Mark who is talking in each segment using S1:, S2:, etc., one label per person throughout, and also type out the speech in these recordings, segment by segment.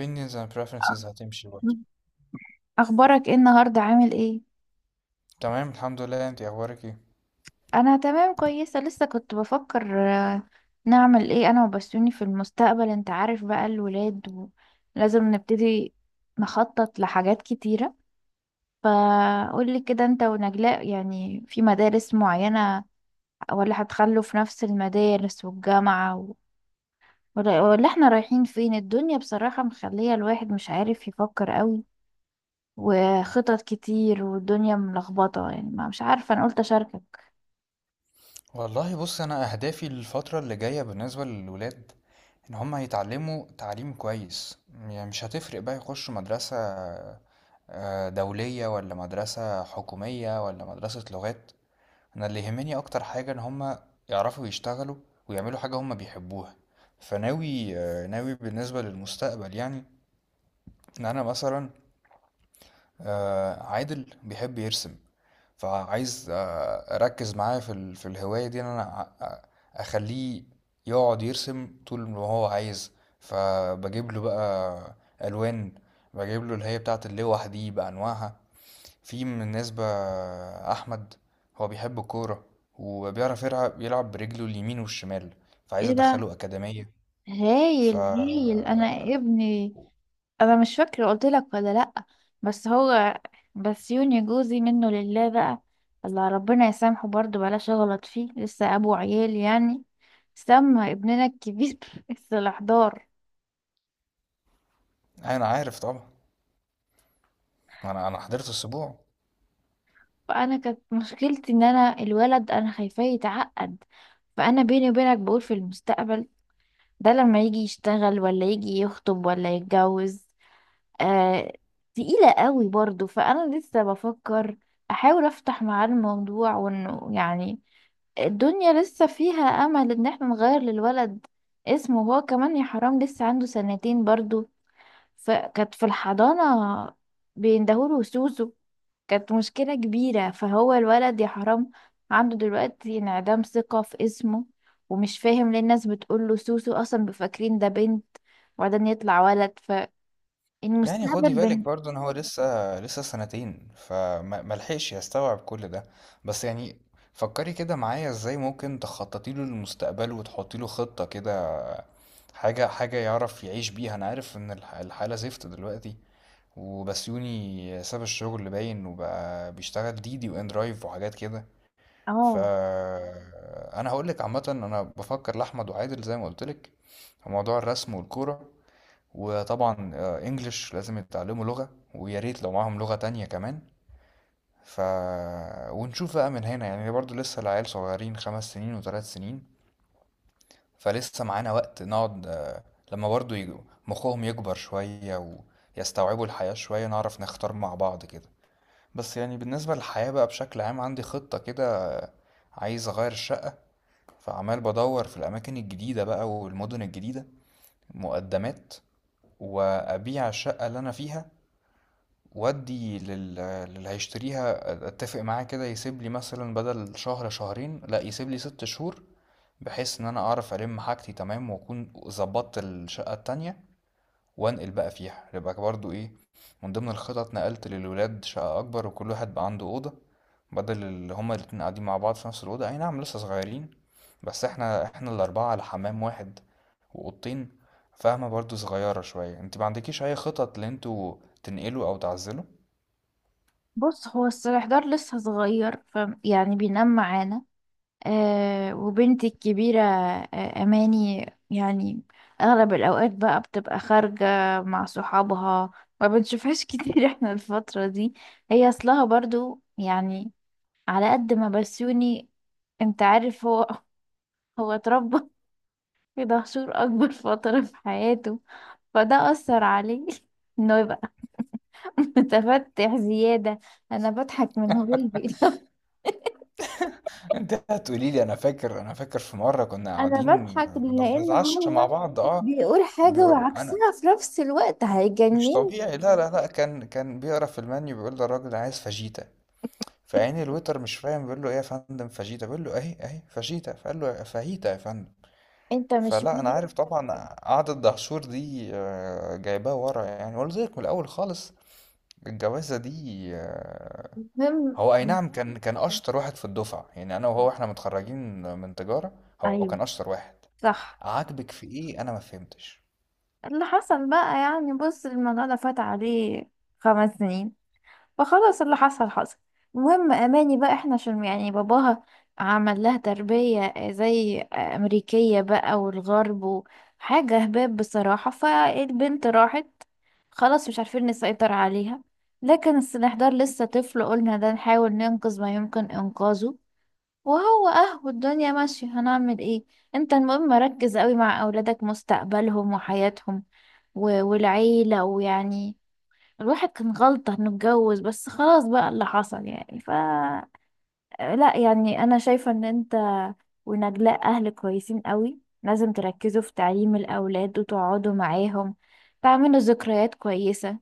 S1: opinions and preferences هتمشي برضه.
S2: اخبارك ايه النهارده؟ عامل ايه؟
S1: تمام الحمد لله، انت اخبارك ايه؟
S2: انا تمام كويسه. لسه كنت بفكر، نعمل ايه انا وبسوني في المستقبل. انت عارف بقى الولاد، ولازم نبتدي نخطط لحاجات كتيره. فقولي كده، انت ونجلاء يعني في مدارس معينه، ولا هتخلوا في نفس المدارس والجامعه ولا احنا رايحين فين؟ الدنيا بصراحه مخليه الواحد مش عارف يفكر قوي، وخطط كتير، والدنيا ملخبطه يعني، ما مش عارفه، انا قلت اشاركك.
S1: والله بص، انا اهدافي للفتره اللي جايه بالنسبه للولاد ان هم يتعلموا تعليم كويس. يعني مش هتفرق بقى يخشوا مدرسه دوليه ولا مدرسه حكوميه ولا مدرسه لغات. انا اللي يهمني اكتر حاجه ان هم يعرفوا يشتغلوا ويعملوا حاجه هم بيحبوها. فناوي، ناوي بالنسبه للمستقبل، يعني ان انا مثلا، عادل بيحب يرسم، فعايز اركز معاه في الهوايه دي. ان انا ع- اخليه يقعد يرسم طول ما هو عايز. فبجيب له بقى الوان، بجيب له اللي هي بتاعه اللوح دي بانواعها. في من الناس بقى احمد، هو بيحب الكوره وبيعرف يلعب، برجله اليمين والشمال، فعايز
S2: ايه ده؟
S1: ادخله اكاديميه. ف-
S2: هايل هايل. انا ابني، انا مش فاكره قلت لك ولا لا، بس هو، بس يوني جوزي منه لله بقى، الله ربنا يسامحه، برضه بلاش اغلط فيه لسه ابو عيال يعني، سمى ابننا الكبير الاحضار.
S1: انا عارف طبعا، انا حضرت السبوع.
S2: فانا كانت مشكلتي ان انا الولد انا خايفاه يتعقد، فانا بيني وبينك بقول في المستقبل ده لما يجي يشتغل ولا يجي يخطب ولا يتجوز، آه تقيلة قوي برضو. فأنا لسه بفكر أحاول أفتح معاه الموضوع، وإنه يعني الدنيا لسه فيها امل ان احنا نغير للولد اسمه. هو كمان يا حرام لسه عنده سنتين برضو، فكانت في الحضانة بيندهوله سوسو، كانت مشكلة كبيرة. فهو الولد يا حرام عنده دلوقتي انعدام ثقة في اسمه، ومش فاهم ليه الناس بتقوله سوسو اصلا، بفاكرين ده بنت وبعدين يطلع ولد،
S1: يعني خدي
S2: فالمستقبل...
S1: بالك برضو ان هو لسه، 2 سنين، فملحقش يستوعب كل ده. بس يعني فكري كده معايا ازاي ممكن تخططي له للمستقبل وتحطي له خطة كده، حاجة يعرف يعيش بيها. انا عارف ان الحالة زفت دلوقتي، وبسيوني ساب الشغل اللي باين وبقى بيشتغل ديدي وان درايف وحاجات كده. ف-
S2: اه.
S1: انا هقول لك عامة، انا بفكر لاحمد وعادل زي ما قلت لك في موضوع الرسم والكورة. وطبعا انجليش لازم يتعلموا لغة، ويا ريت لو معاهم لغة تانية كمان. ف- ونشوف بقى من هنا، يعني برضو لسه العيال صغيرين، 5 سنين و3 سنين، فلسه معانا وقت نقعد، لما برضو مخهم يكبر شوية ويستوعبوا الحياة شوية، نعرف نختار مع بعض كده. بس يعني بالنسبة للحياة بقى بشكل عام، عندي خطة كده. عايز أغير الشقة، فعمال بدور في الأماكن الجديدة بقى والمدن الجديدة، مقدمات. وأبيع الشقة اللي أنا فيها، وأدي لل... للي هيشتريها، أتفق معاه كده يسيب لي مثلا بدل شهر 2، لأ يسيب لي 6 شهور، بحيث إن أنا أعرف ألم حاجتي تمام وأكون ظبطت الشقة التانية وأنقل بقى فيها. يبقى برضو إيه، من ضمن الخطط نقلت للولاد شقة أكبر، وكل واحد بقى عنده أوضة، بدل اللي هما الاتنين قاعدين مع بعض في نفس الأوضة. أي نعم لسه صغيرين، بس احنا، الـ4 على حمام واحد وأوضتين. فاهمة؟ برضو صغيرة شوية. انت ما عندكيش أي خطط اللي انتوا تنقلوا أو تعزلوا؟
S2: بص، هو السرحدار لسه صغير، يعني بينام معانا. آه، وبنتي الكبيرة آه أماني، يعني أغلب الأوقات بقى بتبقى خارجة مع صحابها، ما بنشوفهاش كتير احنا الفترة دي. هي أصلها برضو يعني، على قد ما بسيوني انت عارف هو هو اتربى في دهشور أكبر فترة في حياته، فده أثر عليه انه يبقى متفتح زيادة. أنا بضحك من غلبي
S1: انت هتقولي لي، انا فاكر، في مره كنا
S2: أنا
S1: قاعدين
S2: بضحك لأن
S1: بنتعشى مع
S2: هو
S1: بعض، اه
S2: بيقول حاجة
S1: انا
S2: وعكسها في نفس الوقت،
S1: مش
S2: هيجنن.
S1: طبيعي. لا لا لا، كان، بيقرا في المنيو، بيقول للراجل أنا عايز فاجيتا. فعين الويتر مش فاهم بيقول له ايه يا فندم؟ فاجيتا. بيقول له اهي، فاجيتا. فقال له فاهيتا يا فندم.
S2: أنت مش
S1: فلا انا
S2: مدرك.
S1: عارف طبعا، قعدة دهشور دي جايباه ورا يعني، قلت لك من الاول خالص الجوازه دي. آه.
S2: المهم
S1: هو اي نعم كان، اشطر واحد في الدفعه، يعني انا وهو احنا متخرجين من تجاره، هو
S2: أيوه،
S1: كان اشطر واحد.
S2: صح.
S1: عاجبك في ايه؟ انا ما فهمتش.
S2: اللي حصل بقى يعني، بص، الموضوع ده فات عليه خمس سنين، فخلاص اللي حصل حصل. المهم اماني بقى، احنا عشان يعني باباها عمل لها تربية زي امريكية بقى والغرب، وحاجة هباب بصراحة، فالبنت راحت خلاص مش عارفين نسيطر عليها. لكن السنحدار لسه طفل، قلنا ده نحاول ننقذ ما يمكن انقاذه، وهو اه والدنيا ماشية هنعمل ايه. انت المهم ركز قوي مع اولادك، مستقبلهم وحياتهم والعيلة، ويعني الواحد كان غلطة انه اتجوز، بس خلاص بقى اللي حصل يعني، لا يعني انا شايفة ان انت ونجلاء اهل كويسين قوي، لازم تركزوا في تعليم الاولاد وتقعدوا معاهم تعملوا ذكريات كويسة.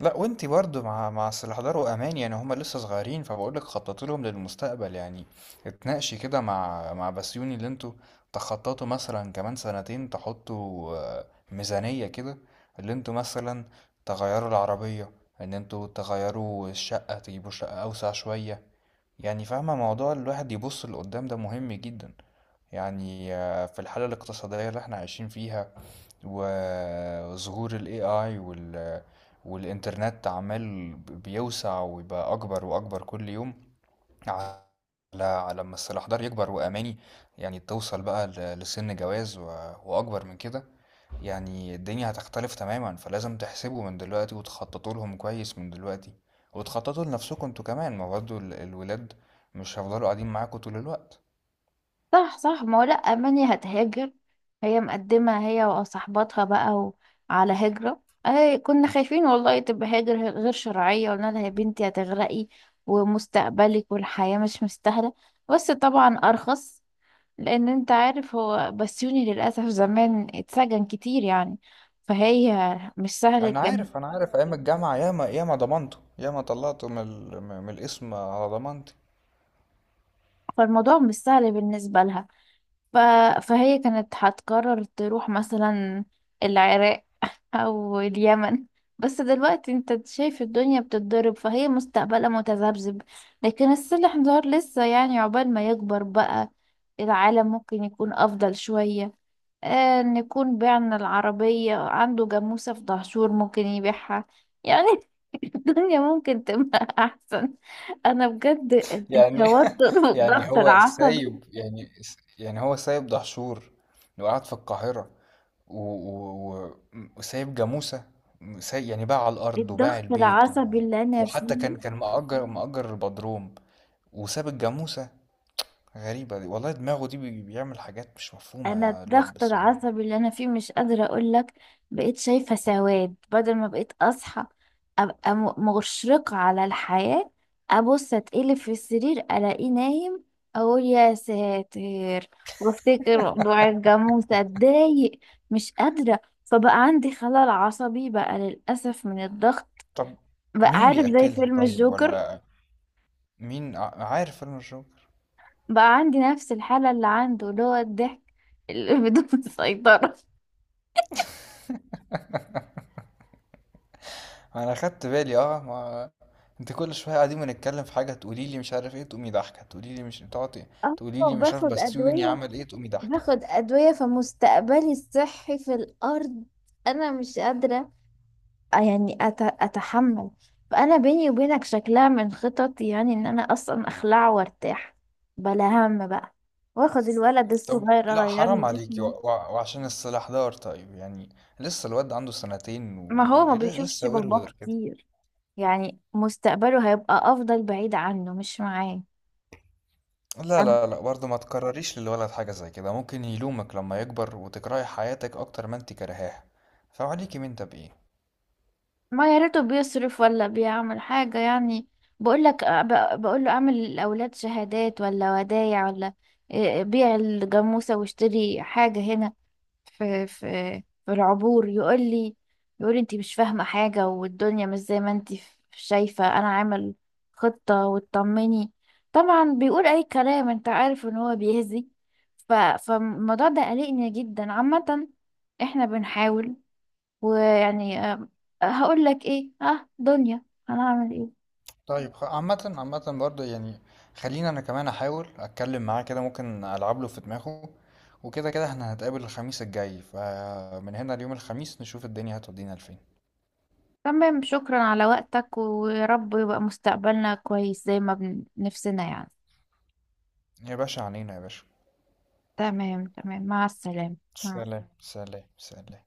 S1: لا، وانتي برضو مع، سلهدار وامان يعني هما لسه صغيرين، فبقول لك خططوا لهم للمستقبل يعني. اتناقشي كده مع، بسيوني اللي انتوا تخططوا مثلا كمان 2 سنين تحطوا، ميزانية كده اللي انتوا مثلا تغيروا العربية، ان انتوا تغيروا الشقة تجيبوا شقة اوسع شوية. يعني فاهمة؟ موضوع الواحد يبص لقدام ده مهم جدا، يعني في الحالة الاقتصادية اللي احنا عايشين فيها، وظهور ال AI وال- والإنترنت عمال بيوسع ويبقى أكبر وأكبر كل يوم. على، ما الأحجار يكبر وأماني يعني توصل بقى لسن جواز و- وأكبر من كده، يعني الدنيا هتختلف تماما. فلازم تحسبوا من دلوقتي وتخططوا لهم كويس من دلوقتي، وتخططوا لنفسكم انتوا كمان، ما برضه الولاد مش هيفضلوا قاعدين معاكم طول الوقت.
S2: صح صح. ما هو لا، اماني هتهاجر، هي مقدمة هي وصاحباتها بقى على هجرة. اي كنا خايفين والله تبقى هاجر غير شرعية، قلنا لها يا بنتي هتغرقي، ومستقبلك والحياة مش مستاهلة، بس طبعا ارخص، لان انت عارف هو بسيوني للاسف زمان اتسجن كتير يعني، فهي مش سهل
S1: انا
S2: كان.
S1: عارف، ايام الجامعه ياما، ضمنته ياما طلعته من الاسم على ضمانتي.
S2: فالموضوع مش سهل بالنسبه لها. ف... فهي كانت هتقرر تروح مثلا العراق او اليمن، بس دلوقتي انت شايف الدنيا بتتضرب، فهي مستقبلها متذبذب. لكن السلاح دار لسه يعني، عقبال ما يكبر بقى العالم ممكن يكون افضل شويه، آه نكون بعنا العربية، عنده جاموسة في دهشور ممكن يبيعها يعني الدنيا ممكن تبقى أحسن. أنا بجد،
S1: يعني
S2: التوتر
S1: يعني
S2: والضغط
S1: هو
S2: العصبي،
S1: سايب يعني، يعني هو سايب دهشور وقعد في القاهره و- و- و- وسايب جاموسه. سايب يعني، باع الارض وباع
S2: الضغط
S1: البيت و-
S2: العصبي اللي أنا
S1: وحتى
S2: فيه،
S1: كان، مأجر، البدروم وساب الجاموسه. غريبه دي والله، دماغه دي بيعمل حاجات مش مفهومه
S2: انا
S1: الواد
S2: الضغط
S1: بس.
S2: العصبي اللي انا فيه مش قادره اقول لك. بقيت شايفه سواد، بدل ما بقيت اصحى ابقى مشرقه على الحياه، ابص اتقلب في السرير الاقيه نايم، اقول يا ساتر، وافتكر موضوع الجاموسه اتضايق، مش قادره، فبقى عندي خلل عصبي بقى للاسف من الضغط.
S1: طب
S2: بقى
S1: مين
S2: عارف زي
S1: بيأكلها
S2: فيلم
S1: طيب
S2: الجوكر،
S1: ولا مين عارف؟ انا الشغل،
S2: بقى عندي نفس الحاله اللي عنده، اللي هو الضحك اللي بدون سيطره.
S1: انا خدت بالي اه. ما انت كل شويه قاعدين بنتكلم في حاجه تقولي لي مش عارف ايه تقومي ضحكه، تقولي لي مش، تقعدي
S2: اه،
S1: تقولي لي مش عارف
S2: باخد
S1: بسيوني
S2: أدوية،
S1: عمل ايه تقومي ضحكه.
S2: باخد أدوية، فمستقبلي الصحي في الأرض. أنا مش قادرة يعني أتحمل. فأنا بيني وبينك شكلها من خططي يعني إن أنا أصلا أخلع وأرتاح بلا هم بقى، وآخد الولد
S1: طب
S2: الصغير
S1: لا
S2: أغير
S1: حرام
S2: له
S1: عليكي و...
S2: اسمه.
S1: و... وعشان السلاح دار طيب يعني، لسه الواد عنده 2 سنين
S2: ما هو ما بيشوفش
S1: ولسه
S2: باباه
S1: ورور كده.
S2: كتير، يعني مستقبله هيبقى أفضل بعيد عنه مش معاه.
S1: لا لا لا، برضه ما تكرريش للولد حاجه زي كده، ممكن يلومك لما يكبر وتكرهي حياتك اكتر ما انت كرهاها، فعليكي من ده بايه.
S2: ما يا ريته بيصرف ولا بيعمل حاجة يعني، بقول لك، بقول له اعمل للأولاد شهادات ولا ودايع ولا إيه، بيع الجاموسة واشتري حاجة هنا في في في العبور، يقول لي، يقول لي انت مش فاهمة حاجة والدنيا مش زي ما انت شايفة، انا عامل خطة وتطمني. طبعا بيقول اي كلام، انت عارف ان هو بيهزي. فالموضوع ده قلقني جدا عامة، احنا بنحاول، ويعني آه، هقول لك ايه، اه دنيا، هنعمل ايه.
S1: طيب، عامة، برضه يعني خلينا، انا كمان احاول اتكلم معاه كده، ممكن العب له في دماغه. وكده كده احنا هنتقابل الخميس الجاي، فمن هنا ليوم الخميس نشوف الدنيا هتودينا لفين.
S2: تمام، شكرا على وقتك، ويا رب يبقى مستقبلنا كويس زي ما نفسنا يعني.
S1: يا باشا، عنينا يا باشا.
S2: تمام تمام. مع السلامة. مع
S1: سلام سلام سلام.